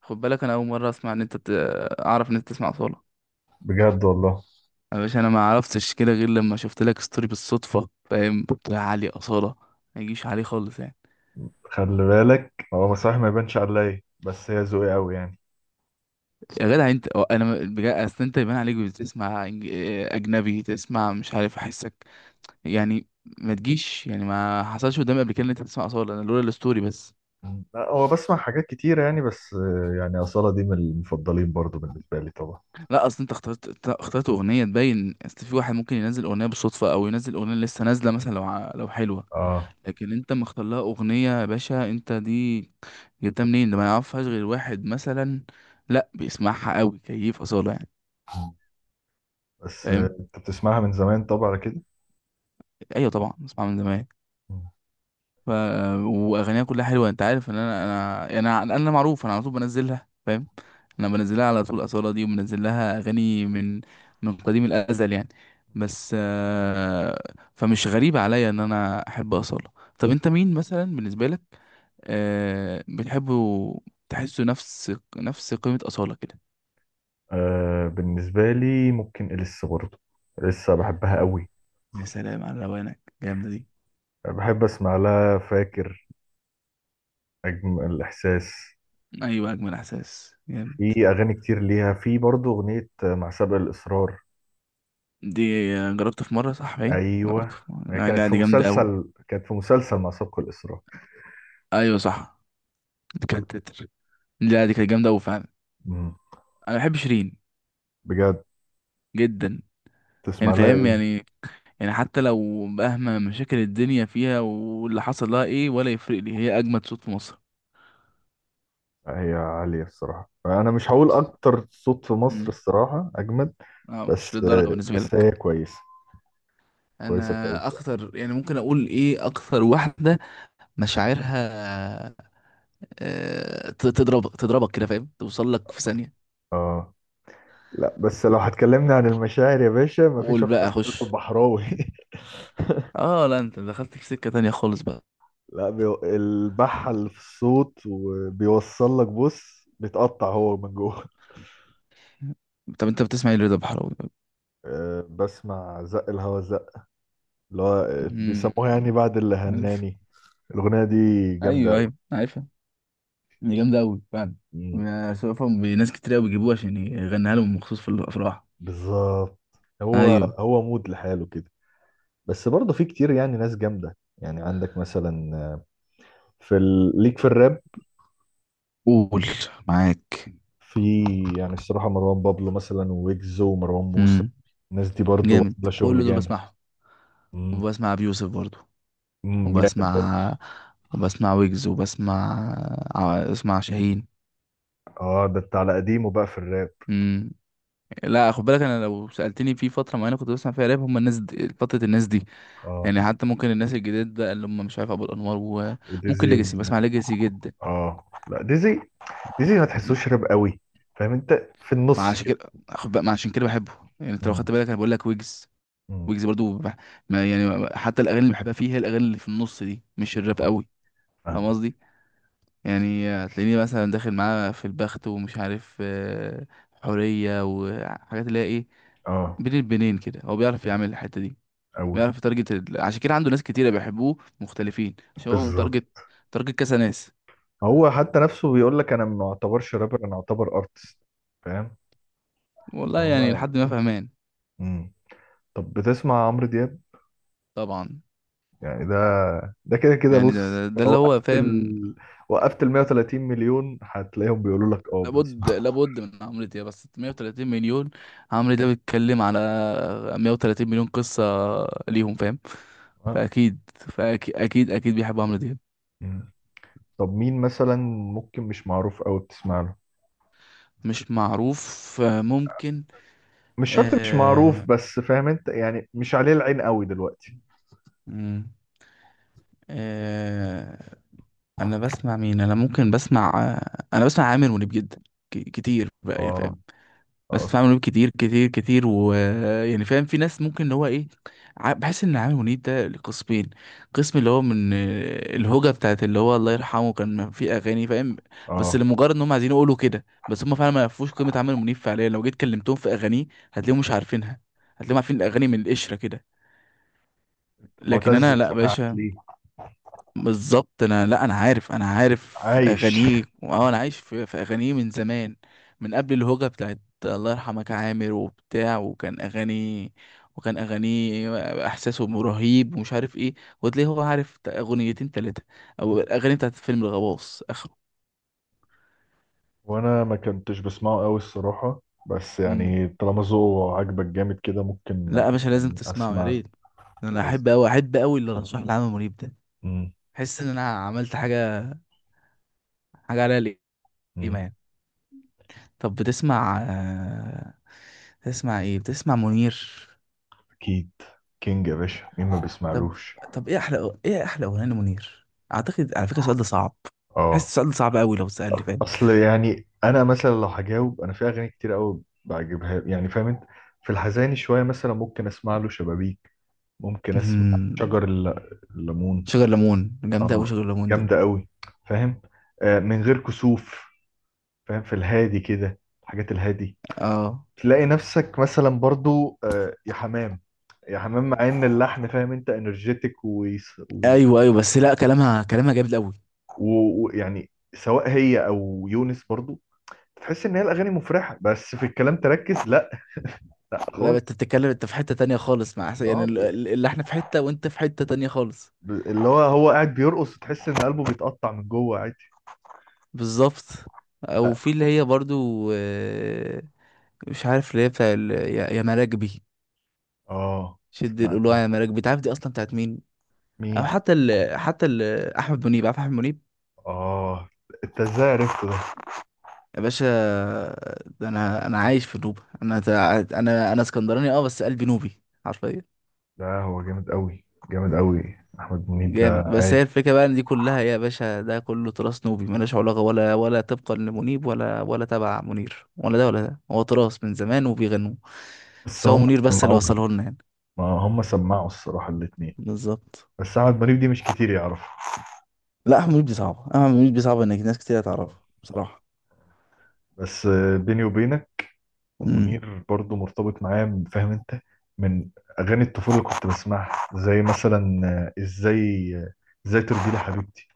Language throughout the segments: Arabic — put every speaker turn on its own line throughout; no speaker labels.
خد بالك، انا اول مره اسمع ان انت اعرف ان انت تسمع اصاله.
بجد والله.
يا باشا، انا ما عرفتش كده غير لما شفت لك ستوري بالصدفه، فاهم يا علي؟ اصاله ما يجيش عليه خالص يعني.
خلي بالك، هو صحيح ما يبانش عليا، بس هي ذوقي قوي يعني.
يا جدع، انت أو انا بجد، اصل انت يبان عليك بتسمع اجنبي، تسمع مش عارف احسك يعني. ما تجيش يعني، ما حصلش قدامي قبل كده ان انت تسمع اصاله. انا لولا الستوري، بس.
لا، هو بسمع حاجات كتيرة يعني، بس آه، يعني أصالة دي من المفضلين برضو بالنسبة لي طبعا.
لا اصل انت اخترت اغنيه تبين. اصل في واحد ممكن ينزل اغنيه بالصدفه او ينزل اغنيه لسه نازله مثلا، لو حلوه.
اه،
لكن انت مختار لها اغنيه يا باشا. انت دي جبتها منين؟ ده ما يعرفهاش غير واحد مثلا، لا بيسمعها قوي كيف اصاله يعني.
بس
فاهم.
آه، انت بتسمعها من زمان طبعا على كده.
ايوه طبعا بسمعها من زمان. ف واغانيها كلها حلوه. انت عارف ان انا يعني، انا معروف، انا على طول بنزلها، فاهم. انا بنزلها على طول اصاله دي، وبنزل لها اغاني من قديم الازل يعني. بس فمش غريب عليا ان انا احب اصاله. طب انت مين مثلا بالنسبه لك بتحبه؟ تحسه نفس قيمة أصالة كده؟
آه، بالنسبة لي ممكن إليسا برضو. إليسا بحبها قوي.
يا سلام على روانك جامدة دي.
بحب أسمع لها، فاكر أجمل الإحساس.
أيوة أجمل إحساس جامد.
في أغاني كتير ليها، في برضو أغنية آه، مع سبق الإصرار.
دي جربت في مرة، صح؟ باين جربت
أيوة.
في مرة.
هي
لا
كانت
لا،
في
دي جامدة أوي.
مسلسل، مع سبق الإصرار.
أيوة صح، دي كانت تتر. لا دي كانت جامدة أوي فعلا.
مم.
أنا بحب شيرين
بجد؟
جدا. يعني
تسمع لها
فاهم
ايه؟
يعني حتى لو مهما مشاكل الدنيا فيها واللي حصل لها إيه، ولا يفرق لي، هي أجمد صوت في مصر.
هي عالية الصراحة، انا مش هقول اكتر صوت في مصر
مم.
الصراحة اجمد.
اه، مش
بس
للدرجة بالنسبة لك؟
هي كويسة. كويسة
انا
كويسة يعني.
اكتر يعني، ممكن اقول ايه، اكتر واحده مشاعرها. تضربك كده، فاهم، توصل لك في ثانيه.
اه. لا بس لو هتكلمنا عن المشاعر يا باشا، مفيش
قول
اكتر
بقى،
من رضا
خش.
البحراوي.
اه لا، انت دخلت في سكه تانية خالص بقى.
لا بي... البحل في الصوت، وبيوصل لك، بص بيتقطع هو من جوه.
طب انت بتسمع ايه لرضا بحراوي؟
آه، بسمع زق الهوا، زق اللي هو آه، بيسموها يعني
مم.
بعد اللي
عارف.
هناني. الأغنية دي
ايوه
جامدة
ايوه، عارفها، دي جامده قوي فعلا.
أوي.
يا سوفهم بناس كتير قوي بيجيبوها عشان يغنيها لهم مخصوص في الافراح.
بالظبط. هو
ايوه،
هو مود لحاله كده. بس برضه في كتير يعني ناس جامدة، يعني عندك مثلا في ال... ليك في الراب.
قول، معاك.
في يعني الصراحة مروان بابلو مثلا، ويجز، ومروان موسى.
امم
الناس دي برضه
جامد،
عاملة
كل
شغل
دول
جامد.
بسمعهم.
امم.
وبسمع ابي يوسف برضو.
امم، جامد برضه.
وبسمع وبسمع ويجز، وبسمع اسمع شاهين.
اه، ده انت على قديمه بقى في الراب.
امم لا خد بالك، انا لو سالتني في فتره معينه كنت بسمع فيها راب، هم الناس دي، فتره الناس دي.
اه،
يعني حتى ممكن الناس الجداد ده اللي هم، مش عارف، ابو الانوار. وممكن
وديزي و...
ليجاسي، بسمع ليجاسي جدا.
اه لا، ديزي ما تحسوش راب قوي. فاهم انت، في النص كده.
مع عشان كده بحبه. يعني انت لو
امم.
خدت بالك، انا بقول لك ويجز.
امم.
ويجز برضو ما يعني، حتى الاغاني اللي بحبها فيه هي الاغاني اللي في النص دي، مش الراب
اه،
قوي. فاهم
فاهمك.
قصدي؟ يعني هتلاقيني مثلا داخل معاه في البخت ومش عارف، حورية، وحاجات اللي هي ايه،
اه،
بين البنين كده. هو بيعرف يعمل الحتة دي،
قوي.
بيعرف يتارجت عشان كده عنده ناس كتيرة بيحبوه مختلفين، عشان هو
بالظبط.
متارجت، تارجت كذا ناس.
هو حتى نفسه بيقول لك انا ما اعتبرش رابر، انا اعتبر ارتست. فاهم؟ اللي
والله يعني
هو،
لحد ما فهمان.
امم. طب بتسمع عمرو دياب؟
طبعا،
يعني ده، كده كده.
يعني ده,
بص
ده, ده
لو
اللي هو
وقفت
فاهم.
ال... وقفت ال 130 مليون هتلاقيهم بيقولوا لك اه بنسمع.
لابد من عمرو دياب. بس 130 مليون، عمرو دياب بيتكلم على 130 مليون قصة ليهم، فاهم.
ها؟
فأكيد فأكيد أكيد أكيد بيحب عمرو دياب.
مم. طب مين مثلا، ممكن مش معروف قوي، بتسمع له؟
مش معروف، ممكن.
مش شرط مش معروف،
آه
بس فاهم انت يعني مش عليه العين قوي دلوقتي.
مم، آه انا بسمع مين، انا؟ ممكن بسمع انا بسمع عامر منيب جدا، كتير بقى يعني فاهم.
اه. اه.
بسمع عامر منيب كتير كتير كتير، ويعني فاهم في ناس ممكن اللي هو ايه، بحس ان عامر منيب ده لقسمين. قسم اللي هو من الهوجة بتاعت اللي هو الله يرحمه، كان في اغاني فاهم، بس
اه.
لمجرد ان هم عايزين يقولوا كده. بس هم فعلا ما يعرفوش قيمة عامر منيب. فعليا لو جيت كلمتهم في اغانيه هتلاقيهم مش عارفينها، هتلاقيهم عارفين الاغاني من القشرة كده. لكن
معتز،
انا لا
بسمعك
باشا،
ليه؟
بالظبط. انا لا، انا عارف
عايش.
اغانيه، واه انا عايش في اغانيه من زمان، من قبل الهوجة بتاعت الله يرحمك يا عامر وبتاع. وكان اغاني احساسه رهيب ومش عارف ايه. وتلاقيه هو عارف اغنيتين تلاتة، او الاغاني بتاعت فيلم الغواص اخره.
وانا ما كنتش بسمعه قوي الصراحة، بس
امم
يعني طالما ذوقه عاجبك جامد كده ممكن
لا يا باشا، لازم
يعني
تسمعه، يا
اسمع.
ريت. انا
لازم.
احب قوي احب قوي اللي رشح لي عمرو منيب ده.
امم.
احس ان انا عملت حاجة، حاجة عليها قيمة
أمم،
يعني. طب بتسمع بتسمع ايه، بتسمع منير؟
اكيد. كينج يا باشا، مين ما
طب،
بيسمعلوش؟
ايه احلى اغنيه لمنير؟ اعتقد على فكره السؤال ده صعب، حاسس
اه
السؤال ده صعب قوي لو اتسالني، فاهم.
اصل يعني انا مثلا لو هجاوب، انا في اغاني كتير قوي بعجبها يعني، فاهم انت. في الحزين شوية مثلا ممكن اسمع له شبابيك. ممكن اسمع
أمم،
شجر الليمون
شجر ليمون جامده قوي،
اه،
شجر ليمون دي،
جامدة قوي. فاهم، آه، من غير كسوف. فاهم، في الهادي كده، الحاجات الهادي.
اه.
تلاقي نفسك مثلا برضو آه، يا حمام. مع ان اللحن، فاهم انت، انرجيتك، ويعني.
ايوه ايوه، بس لا، كلامها جامد قوي.
يعني سواء هي او يونس برضو، تحس ان هي الاغاني مفرحه، بس في الكلام تركز، لا
لا
خالص.
انت بتتكلم، انت في حته تانية خالص. يعني
اه،
اللي احنا في حته وانت في حته تانية خالص.
اللي هو هو قاعد بيرقص، تحس ان قلبه بيتقطع من جوه عادي.
بالظبط. او
لا.
في اللي هي برضو، مش عارف، اللي هي بتاع يا مراكبي،
اه
شد القلوع يا
سمعتها.
مراكب. بتعرف دي اصلا بتاعت مين؟
مين؟
او حتى احمد منيب، عارف احمد منيب؟
اه. انت ازاي عرفته ده؟
يا باشا، ده انا عايش في نوبة. انا تع- انا انا اسكندراني اه، بس قلبي نوبي حرفيا.
لا، هو جامد قوي. جامد قوي احمد منيب ده.
جامد، بس هي
عالي.
الفكرة بقى ان دي كلها يا باشا، ده كله تراث نوبي ملوش علاقة، ولا طبقا لمنيب ولا تبع منير، ولا ده ولا ده. هو تراث من زمان وبيغنوه.
بس
بس هو
هم
منير بس اللي
سمعوه.
وصله لنا يعني.
ما هم سمعوا الصراحه الاتنين.
بالظبط.
بس أحمد منيب دي مش كتير يعرف.
لا، احمد منيب دي صعبة انك، ناس كتير هتعرفها
آه.
بصراحة.
بس آه، بيني وبينك،
امم،
منير برضو مرتبط معايا فاهم انت، من اغاني الطفوله اللي كنت بسمعها، زي مثلا آه، ازاي آه، ازاي ترضي لي حبيبتي.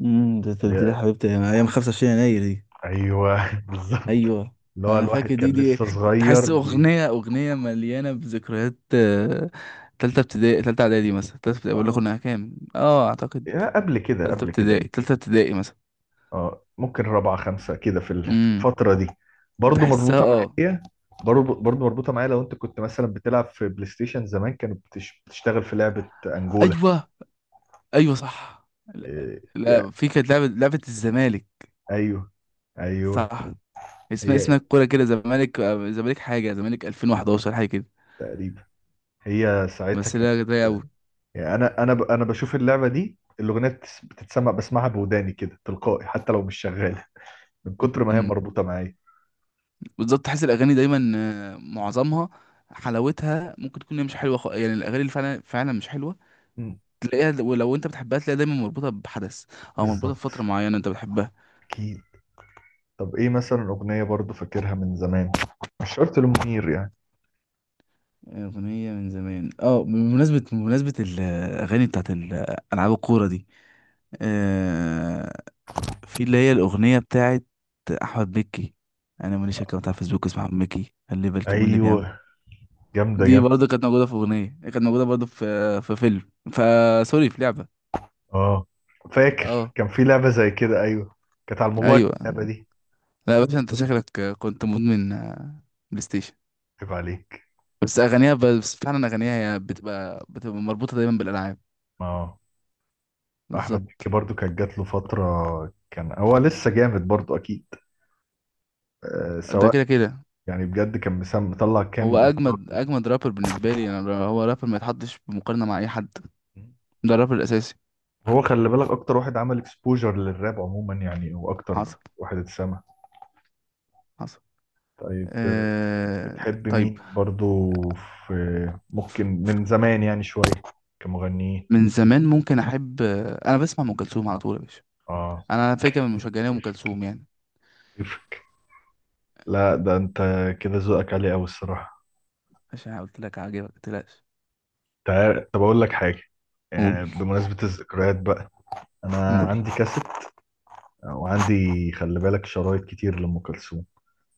امم. تبديل يا
آه،
حبيبتي يعني، ايام 25 يناير دي.
ايوه بالظبط.
ايوه،
اللي هو
انا
الواحد
فاكر دي.
كان لسه صغير
تحس
بي...
اغنيه، مليانه بذكريات، تالتة ابتدائي تالتة اعدادي مثلا، تالتة ابتدائي، ولا
اه،
كنا كام اه، اعتقد
يا
تالتة
قبل كده.
ابتدائي تالتة ابتدائي مثلا.
اه، ممكن رابعة خمسة كده، في في
امم
الفترة دي. برضو
تحسها
مربوطة
اه.
معايا. برضو مربوطة معايا. لو انت كنت مثلا بتلعب في بلاي ستيشن زمان، كانت بتشتغل في لعبة انجولا.
ايوه ايوه صح. لا,
إيه،
لا،
يا-
في كانت لعبه، الزمالك،
ايوه ايوه.
صح. اسمها
هي
الكوره كده، زمالك، زمالك حاجه، زمالك 2011 حاجه كده.
تقريبا. هي ساعتها
بس
كانت،
لا ده
يعني انا انا بشوف اللعبة دي الاغنية بتتسمع بسمعها بوداني كده تلقائي حتى لو مش شغالة، من كتر ما هي
قوي،
مربوطة معايا.
بالظبط. تحس الاغاني دايما، معظمها، حلاوتها ممكن تكون هي مش حلوه، يعني الاغاني اللي فعلا فعلا مش حلوه
مم.
تلاقيها ولو انت بتحبها تلاقيها دايما مربوطه بحدث او مربوطه
بالظبط.
بفتره معينه انت بتحبها.
اكيد. طب ايه مثلا اغنية برضو فاكرها من زمان، مش شرط لمنير يعني؟
اغنيه من زمان، اه، بمناسبه الاغاني بتاعت العاب الكوره دي، آه في اللي هي الاغنيه بتاعت احمد مكي. انا ماليش اكونت على فيسبوك اسمه احمد مكي خلي بالكم من اللي بيعمل.
ايوه، جامده
دي برضه
جامده
كانت موجوده في اغنيه، كانت موجوده برضه في فيلم فسوري، في لعبه
اه فاكر،
اه.
كان في لعبه زي كده، ايوه. كانت على الموبايل
ايوه،
اللعبه دي.
لا يا باشا، انت شكلك كنت مدمن، بلاي ستيشن.
عيب عليك.
بس اغانيها بس فعلا اغانيها هي بتبقى مربوطه دايما بالالعاب.
اه. احمد مكي
بالظبط،
برضو كانت جات له فتره، كان هو لسه جامد برضو اكيد. آه
ده
سواء.
كده كده.
يعني بجد كان مسام مطلع
هو
كام اصدار.
اجمد اجمد رابر بالنسبه لي انا. هو رابر ما يتحطش في مقارنه مع اي حد، ده الرابر الاساسي.
هو خلي بالك اكتر واحد عمل اكسبوجر للراب عموما، يعني هو اكتر
حصل،
واحد اتسمع.
حصل.
طيب آه، بتحب
طيب.
مين برضو؟ في، ممكن من زمان يعني شويه، كمغنيين.
من زمان ممكن احب. انا بسمع ام كلثوم على طول يا باشا،
اه.
انا فاكر من مشجعين ام
كيف؟
كلثوم يعني.
كيف؟ لا ده انت كده ذوقك عالي قوي الصراحه.
عشان قلت لك عاجبك، ما تقلقش.
تعال طب اقول لك حاجه،
قول،
يعني بمناسبه الذكريات بقى. انا
قول.
عندي كاسيت، وعندي خلي بالك شرايط كتير لام كلثوم.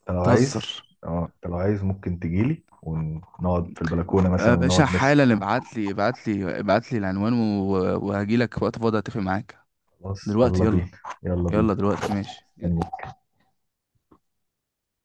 انت لو عايز،
بتهزر؟
اه انت لو عايز، ممكن تجيلي ونقعد في البلكونه مثلا، ونقعد
باشا
نسمع.
حالا، ابعت لي ابعت لي ابعت لي العنوان وهجي لك وقت فاضي، اتفق معاك.
خلاص
دلوقتي
يلا
يلا،
بينا. يلا
يلا
بينا.
دلوقتي، ماشي.